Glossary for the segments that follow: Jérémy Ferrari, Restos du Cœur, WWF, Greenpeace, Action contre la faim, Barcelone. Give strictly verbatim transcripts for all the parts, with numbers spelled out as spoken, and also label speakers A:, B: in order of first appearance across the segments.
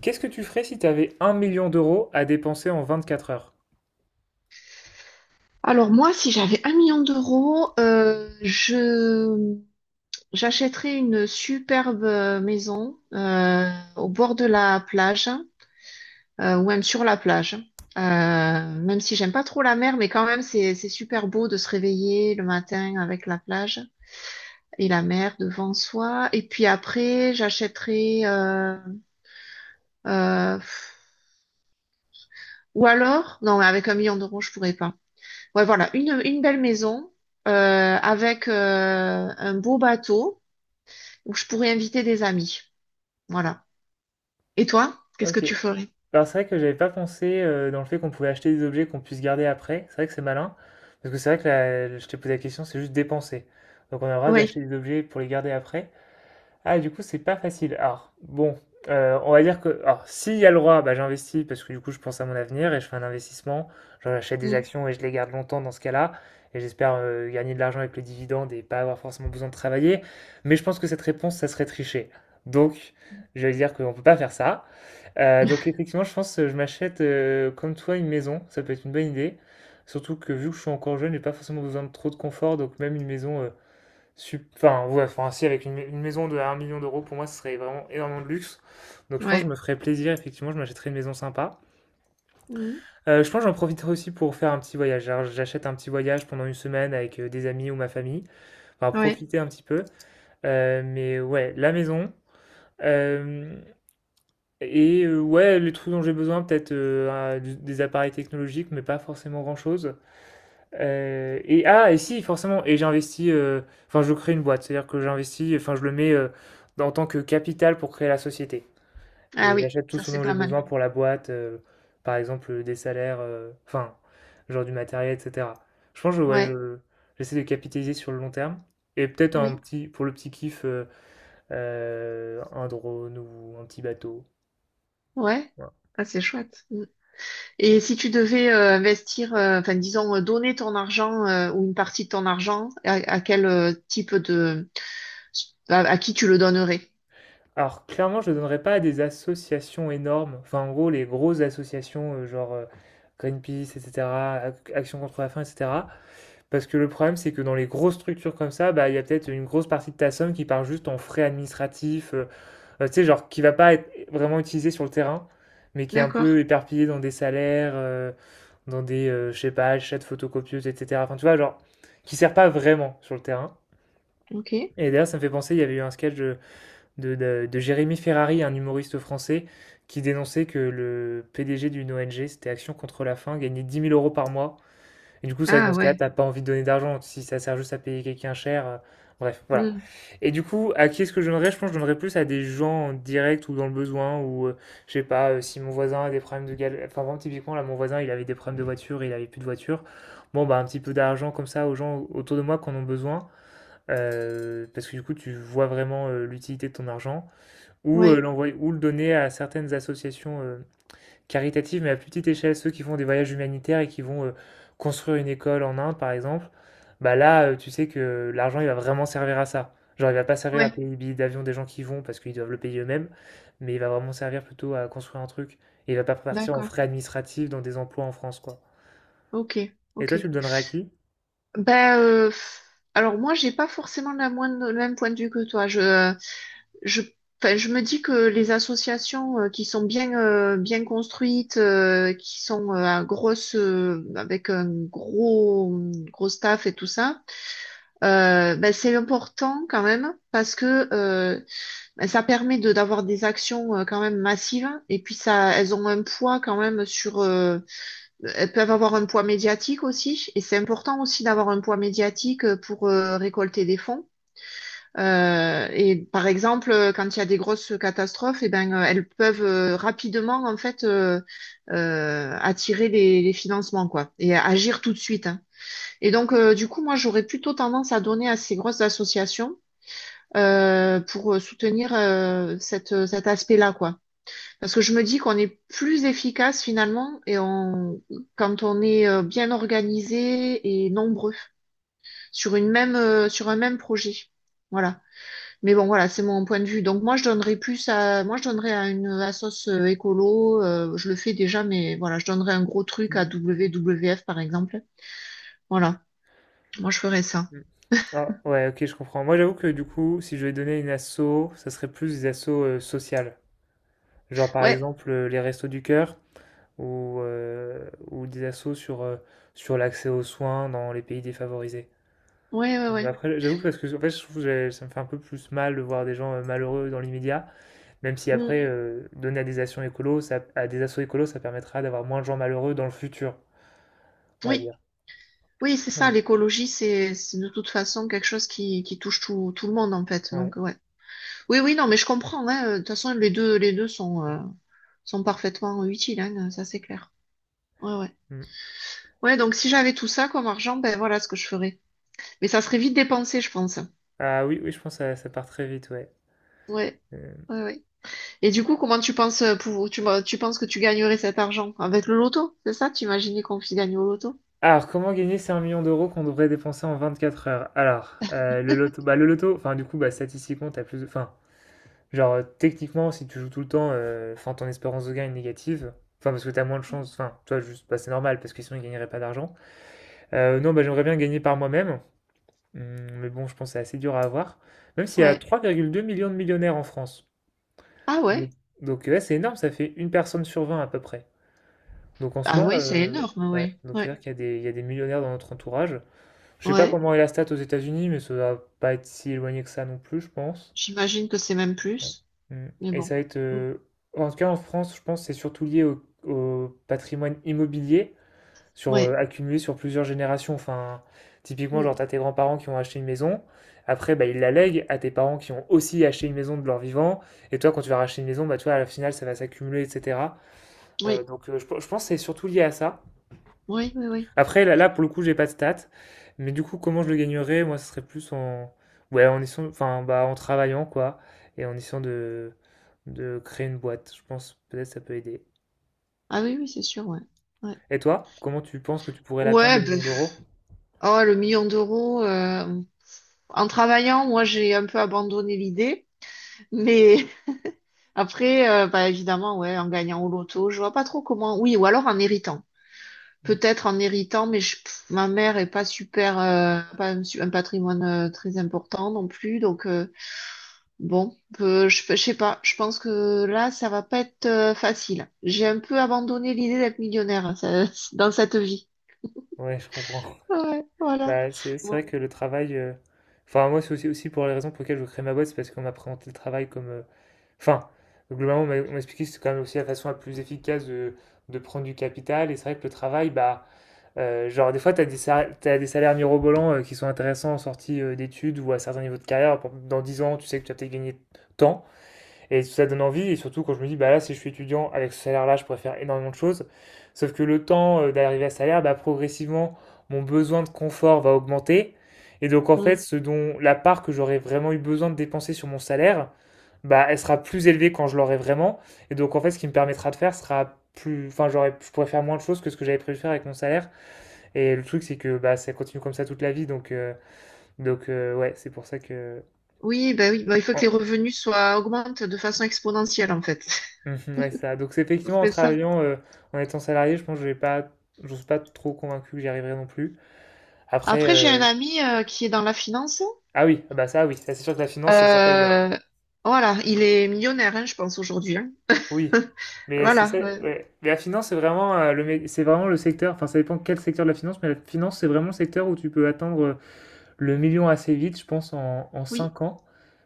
A: Qu'est-ce que tu ferais si tu avais un million d'euros à dépenser en vingt-quatre heures?
B: Alors moi, si j'avais un million d'euros, euh, je j'achèterais une superbe euh, maison euh, au bord de la plage euh, ou même sur la plage. Euh, même si j'aime pas trop la mer, mais quand même c'est c'est super beau de se réveiller le matin avec la plage et la mer devant soi. Et puis après, j'achèterais euh, euh, pff, ou alors non, mais avec un million d'euros, je pourrais pas. Ouais, voilà, une, une belle maison euh, avec euh, un beau bateau où je pourrais inviter des amis. Voilà. Et toi, qu'est-ce que
A: Ok.
B: tu ferais?
A: Alors c'est vrai que j'avais pas pensé euh, dans le fait qu'on pouvait acheter des objets qu'on puisse garder après. C'est vrai que c'est malin. Parce que c'est vrai que la- je t'ai posé la question, c'est juste dépenser. Donc on a le droit
B: Oui.
A: d'acheter des objets pour les garder après. Ah, du coup, c'est pas facile. Alors, bon, euh, on va dire que, alors, s'il y a le droit, bah, j'investis parce que du coup, je pense à mon avenir et je fais un investissement. Genre, j'achète des
B: Mm.
A: actions et je les garde longtemps dans ce cas-là. Et j'espère euh, gagner de l'argent avec le dividende et pas avoir forcément besoin de travailler. Mais je pense que cette réponse, ça serait tricher. Donc, je vais dire qu'on peut pas faire ça. Euh, donc, effectivement, je pense que je m'achète, euh, comme toi, une maison. Ça peut être une bonne idée. Surtout que vu que je suis encore jeune, j'ai pas forcément besoin de trop de confort. Donc, même une maison. euh, Sup- Enfin, ouais, enfin, si, avec une, une maison de un million d'euros, pour moi, ce serait vraiment énormément de luxe. Donc, je pense que je
B: Ouais.
A: me ferais plaisir, effectivement, je m'achèterais une maison sympa.
B: Mm.
A: Euh, je pense que j'en profiterai aussi pour faire un petit voyage. Alors, j'achète un petit voyage pendant une semaine avec euh, des amis ou ma famille. Enfin,
B: Ouais.
A: profiter un petit peu. Euh, mais ouais, la maison. Euh, et euh, ouais, les trucs dont j'ai besoin, peut-être euh, un- du- des appareils technologiques, mais pas forcément grand-chose. Euh, et ah, et si, forcément, et j'investis, euh, enfin, je crée une boîte, c'est-à-dire que j'investis, enfin, je le mets euh, en tant que capital pour créer la société.
B: Ah
A: Et
B: oui,
A: j'achète tout
B: ça
A: ce
B: c'est
A: dont j'ai
B: pas mal.
A: besoin pour la boîte, euh, par exemple, euh, des salaires, euh, enfin, genre du matériel, et cetera. Je pense que ouais,
B: Ouais.
A: je, j'essaie de capitaliser sur le long terme. Et peut-être un
B: Oui.
A: petit, pour le petit kiff, euh, euh, un drone ou un petit bateau.
B: Ouais.
A: Voilà.
B: Ah, c'est chouette. Mm. Et si tu devais euh, investir, euh, enfin disons, euh, donner ton argent euh, ou une partie de ton argent, à, à quel euh, type de... À, à qui tu le donnerais?
A: Alors clairement, je ne donnerais pas à des associations énormes, enfin en gros les grosses associations euh, genre euh, Greenpeace, et cetera, Ac- Action contre la faim, et cetera. Parce que le problème, c'est que dans les grosses structures comme ça, bah, il y a peut-être une grosse partie de ta somme qui part juste en frais administratifs, euh, euh, tu sais, genre qui va pas être vraiment utilisée sur le terrain, mais qui est un
B: D'accord.
A: peu éparpillée dans des salaires, euh, dans des, euh, je sais pas, achats de photocopieuses, et cetera. Enfin, tu vois, genre, qui sert pas vraiment sur le terrain.
B: Ok.
A: Et d'ailleurs, ça me fait penser, il y avait eu un sketch, de, de- de Jérémy Ferrari, un humoriste français, qui dénonçait que le P D G d'une O N G, c'était Action contre la faim, gagnait dix mille euros par mois. Et du coup, c'est vrai que
B: Ah
A: dans ce
B: ouais.
A: cas-là, t'as pas envie de donner d'argent si ça sert juste à payer quelqu'un cher. Euh, bref, voilà.
B: Mm.
A: Et du coup, à qui est-ce que je donnerais? Je pense que je donnerais plus à des gens en direct ou dans le besoin, ou euh, je sais pas, euh, si mon voisin a des problèmes de galère. Enfin, vraiment, typiquement, là, mon voisin, il avait des problèmes de voiture, il avait plus de voiture. Bon, bah, un petit peu d'argent comme ça aux gens autour de moi qui en ont besoin. Euh, parce que du coup, tu vois vraiment euh, l'utilité de ton argent ou euh,
B: Ouais.
A: l'envoyer ou le donner à certaines associations euh, caritatives, mais à plus petite échelle, ceux qui font des voyages humanitaires et qui vont euh, construire une école en Inde, par exemple, bah là, euh, tu sais que l'argent, il va vraiment servir à ça. Genre, il va pas servir à
B: Ouais.
A: payer les billets d'avion des gens qui vont parce qu'ils doivent le payer eux-mêmes, mais il va vraiment servir plutôt à construire un truc. Et il va pas partir en
B: D'accord.
A: frais administratifs dans des emplois en France, quoi.
B: Ok,
A: Et
B: ok.
A: toi, tu le donnerais à qui?
B: Bah, euh, pff, alors moi, j'ai pas forcément la moindre- le même point de vue que toi. Je, euh, je, enfin, je me dis que les associations euh, qui sont bien, euh, bien construites, euh, qui sont euh, à grosse, euh, avec un gros, gros staff et tout ça, euh, bah, c'est important quand même parce que euh, bah, ça permet de d'avoir des actions euh, quand même massives et puis ça, elles ont un poids quand même sur, euh, elles peuvent avoir un poids médiatique aussi, et c'est important aussi d'avoir un poids médiatique euh, pour euh, récolter des fonds. Euh, et par exemple, euh, quand il y a des grosses catastrophes, eh ben, euh, elles peuvent euh, rapidement en fait euh, euh, attirer les, les financements quoi, et agir tout de suite, hein. Et donc, euh, du coup, moi, j'aurais plutôt tendance à donner à ces grosses associations euh, pour soutenir euh, cette, cet aspect-là quoi. Parce que je me dis qu'on est plus efficace finalement et on, quand on est euh, bien organisé et nombreux sur une même, euh, sur un même projet. Voilà. Mais bon, voilà, c'est mon point de vue. Donc moi, je donnerais plus à, moi, je donnerais à une assos euh, écolo. Euh, je le fais déjà, mais voilà, je donnerais un gros truc à
A: Mm,
B: W W F par exemple. Voilà. Moi, je ferais ça.
A: mm. Ah, ouais, ok, je comprends. Moi, j'avoue que du coup, si je devais donner une asso, ça serait plus des assos euh, sociales. Genre par
B: Ouais,
A: exemple euh, les Restos du Cœur ou, euh, ou des assos sur, euh, sur l'accès aux soins dans les pays défavorisés.
B: ouais, ouais,
A: Mais
B: ouais.
A: après, j'avoue que parce que en fait, je trouve que j'ai- ça me fait un peu plus mal de voir des gens euh, malheureux dans l'immédiat, même si
B: Mm.
A: après, euh, donner à des actions écolos, ça, à des assos écolos, ça permettra d'avoir moins de gens malheureux dans le futur, on va
B: Oui,
A: dire.
B: oui, c'est
A: Mais
B: ça.
A: bon,
B: L'écologie, c'est, c'est de toute façon quelque chose qui, qui touche tout, tout le monde en fait.
A: ouais.
B: Donc ouais. Oui, oui, non, mais je comprends, hein. De toute façon, les deux, les deux sont, euh, sont parfaitement utiles, hein, ça c'est clair. Ouais, ouais.
A: Mm.
B: Ouais, donc si j'avais tout ça comme argent, ben voilà ce que je ferais. Mais ça serait vite dépensé, je pense.
A: Ah oui, oui, je pense que ça, ça part très vite, ouais.
B: Ouais,
A: Euh,
B: ouais, ouais. Et du coup, comment tu penses euh, pour, tu, tu penses que tu gagnerais cet argent? Avec le loto, c'est ça? Tu imaginais qu'on y gagne au loto?
A: Alors, comment gagner ces un million d'euros qu'on devrait dépenser en vingt quatre heures? Alors, euh, le loto, bah, le loto, enfin, du coup, bah, statistiquement, t'as plus de, enfin, genre, euh, techniquement, si tu joues tout le temps, euh, enfin, ton espérance de gain est négative. Enfin, parce que t'as moins de chance. Enfin, toi, juste, bah, c'est normal, parce que sinon, ils gagneraient pas d'argent. Euh, non, bah, j'aimerais bien gagner par moi-même. Hum, Mais bon, je pense que c'est assez dur à avoir. Même s'il y a
B: Ouais.
A: trois virgule deux millions de millionnaires en France.
B: Ah
A: Donc,
B: ouais.
A: donc, ouais, c'est énorme, ça fait une personne sur vingt à peu près. Donc, en
B: Ah
A: soi,
B: ouais, c'est
A: euh,
B: énorme,
A: ouais.
B: ouais.
A: Donc,
B: Ouais.
A: c'est-à-dire qu'il y a des, il y a des millionnaires dans notre entourage. Je sais pas
B: Ouais.
A: comment est la stat aux États-Unis, mais ça va pas être si éloigné que ça non plus, je pense.
B: J'imagine que c'est même
A: Ouais.
B: plus.
A: Mm.
B: Mais
A: Et
B: bon.
A: ça va être,
B: Mm.
A: euh, en tout cas en France, je pense que c'est surtout lié au, au patrimoine immobilier, sur, euh,
B: Ouais.
A: accumulé sur plusieurs générations. Enfin, typiquement,
B: Mm.
A: genre, t'as tes grands-parents qui ont acheté une maison, après, bah, ils la lèguent à tes parents qui ont aussi acheté une maison de leur vivant, et toi, quand tu vas racheter une maison, bah, tu vois, à la finale, ça va s'accumuler, et cetera. Euh,
B: Oui.
A: donc, euh, je, pe- je pense que c'est surtout lié à ça.
B: Oui, oui, oui.
A: Après, là, là, pour le coup, j'ai pas de stats. Mais du coup, comment je le gagnerais? Moi, ce serait plus en, ouais, en essayant, enfin, bah, en travaillant, quoi. Et en essayant de, de créer une boîte. Je pense, peut-être, ça peut aider.
B: Ah oui, oui, c'est sûr, ouais. Ouais.
A: Et toi, comment tu penses que tu pourrais l'atteindre, le
B: Ouais, ben,
A: million d'euros?
B: oh, le million d'euros. euh, En travaillant, moi, j'ai un peu abandonné l'idée. Mais après, euh, bah, évidemment, ouais, en gagnant au loto, je vois pas trop comment. Oui, ou alors en héritant.
A: Mm.
B: Peut-être en héritant, mais je- pff, ma mère est pas super, euh, pas un, su- un patrimoine euh, très important non plus. Donc, euh, bon, euh, je, je sais pas. Je pense que là, ça va pas être euh, facile. J'ai un peu abandonné l'idée d'être millionnaire, hein, ça- dans cette vie.
A: Ouais, je comprends.
B: Ouais, voilà.
A: Bah, c'est, c'est
B: Ouais.
A: vrai que le travail, euh, enfin, moi, c'est aussi, aussi pour les raisons pour lesquelles je crée ma boîte, c'est parce qu'on m'a présenté le travail comme, euh, enfin, globalement, on m'a on m'a expliqué que c'est quand même aussi la façon la plus efficace de, de prendre du capital. Et c'est vrai que le travail, bah, Euh, genre, des fois, tu as, as, des salaires mirobolants euh, qui sont intéressants en sortie euh, d'études ou à certains niveaux de carrière. Dans dix ans, tu sais que tu as peut-être gagné tant. Et ça donne envie, et surtout quand je me dis, bah là, si je suis étudiant, avec ce salaire-là, je pourrais faire énormément de choses. Sauf que le temps euh, d'arriver à ce salaire, bah, progressivement, mon besoin de confort va augmenter. Et donc, en
B: Hmm.
A: fait, ce dont la part que j'aurais vraiment eu besoin de dépenser sur mon salaire, bah, elle sera plus élevée quand je l'aurai vraiment. Et donc, en fait, ce qui me permettra de faire sera plus. Enfin, j'aurais, je pourrais faire moins de choses que ce que j'avais prévu de faire avec mon salaire. Et le truc, c'est que bah, ça continue comme ça toute la vie. Donc, euh, donc euh, ouais, c'est pour ça que.
B: Oui, ben oui, ben il faut que
A: En,
B: les revenus soient augmentent de façon exponentielle en fait.
A: Mhm, ouais, c'est ça. Donc, c'est effectivement, en
B: C'est ça.
A: travaillant, euh, en étant salarié, je pense que je vais pas, je suis pas trop convaincu que j'y arriverai non plus. Après,
B: Après, j'ai un
A: euh,
B: ami euh, qui est dans la finance.
A: ah oui, ah bah ça, oui, ça, c'est sûr que la finance, ça, ça paye bien, hein.
B: Euh, voilà, il est millionnaire, hein, je pense aujourd'hui, hein.
A: Oui, mais c'est
B: Voilà,
A: ça,
B: euh,
A: ouais. Mais la finance, c'est vraiment, euh, le, mé- c'est vraiment le secteur, enfin, ça dépend quel secteur de la finance, mais la finance, c'est vraiment le secteur où tu peux atteindre euh, le million assez vite, je pense, en, en
B: oui,
A: cinq ans.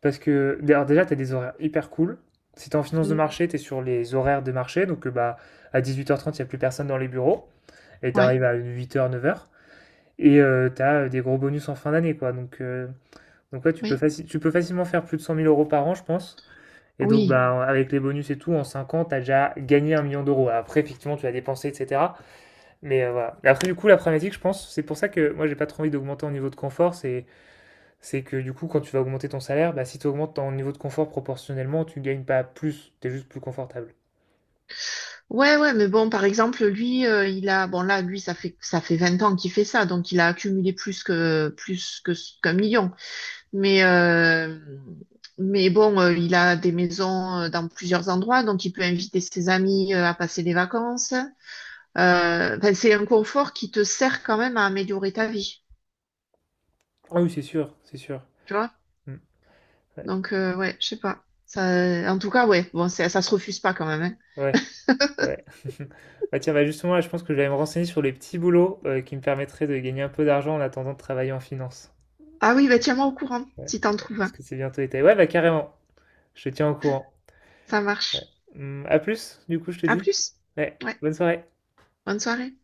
A: Parce que, d'ailleurs, déjà, tu as des horaires hyper cool. Si tu en finance de
B: mm,
A: marché, tu es sur les horaires de marché, donc euh, bah, à dix-huit heures trente, il n'y a plus personne dans les bureaux. Et
B: ouais,
A: t'arrives à huit heures neuf heures. Et euh, t'as des gros bonus en fin d'année, quoi. Donc, euh, donc ouais, tu peux,
B: oui,
A: faci- tu peux facilement faire plus de cent mille euros par an, je pense. Et donc,
B: oui,
A: bah, avec les bonus et tout, en cinq ans, t'as déjà gagné un million d'euros. Après, effectivement, tu as dépensé, et cetera. Mais euh, voilà. Et après, du coup, la problématique, je pense, c'est pour ça que moi, j'ai pas trop envie d'augmenter en niveau de confort. C'est, c'est que du coup, quand tu vas augmenter ton salaire, bah, si tu augmentes ton niveau de confort proportionnellement, tu gagnes pas plus. T'es juste plus confortable.
B: ouais, ouais. Mais bon, par exemple, lui, euh, il a, bon là, lui, ça fait ça fait vingt ans qu'il fait ça, donc il a accumulé plus que plus que ce- qu'un million. Mais, euh, mais bon, euh, il a des maisons euh, dans plusieurs endroits, donc il peut inviter ses amis euh, à passer des vacances. Euh, enfin, c'est un confort qui te sert quand même à améliorer ta vie,
A: Ah oui, c'est sûr, c'est sûr.
B: tu vois?
A: Mm. Ouais.
B: Donc, euh, ouais, je sais pas. Ça, en tout cas, ouais, bon, c'est- ça se refuse pas quand même, hein.
A: Ouais. Ouais. Bah tiens, bah justement, là, je pense que je vais aller me renseigner sur les petits boulots euh, qui me permettraient de gagner un peu d'argent en attendant de travailler en finance.
B: Ah oui, bah tiens-moi au courant
A: Ouais.
B: si t'en
A: Ouais,
B: trouves
A: parce
B: un.
A: que c'est bientôt été. Ouais, bah carrément. Je te tiens au courant.
B: Ça
A: Ouais.
B: marche.
A: Hum, à plus, du coup, je te
B: À
A: dis.
B: plus.
A: Ouais.
B: Ouais,
A: Bonne soirée.
B: bonne soirée.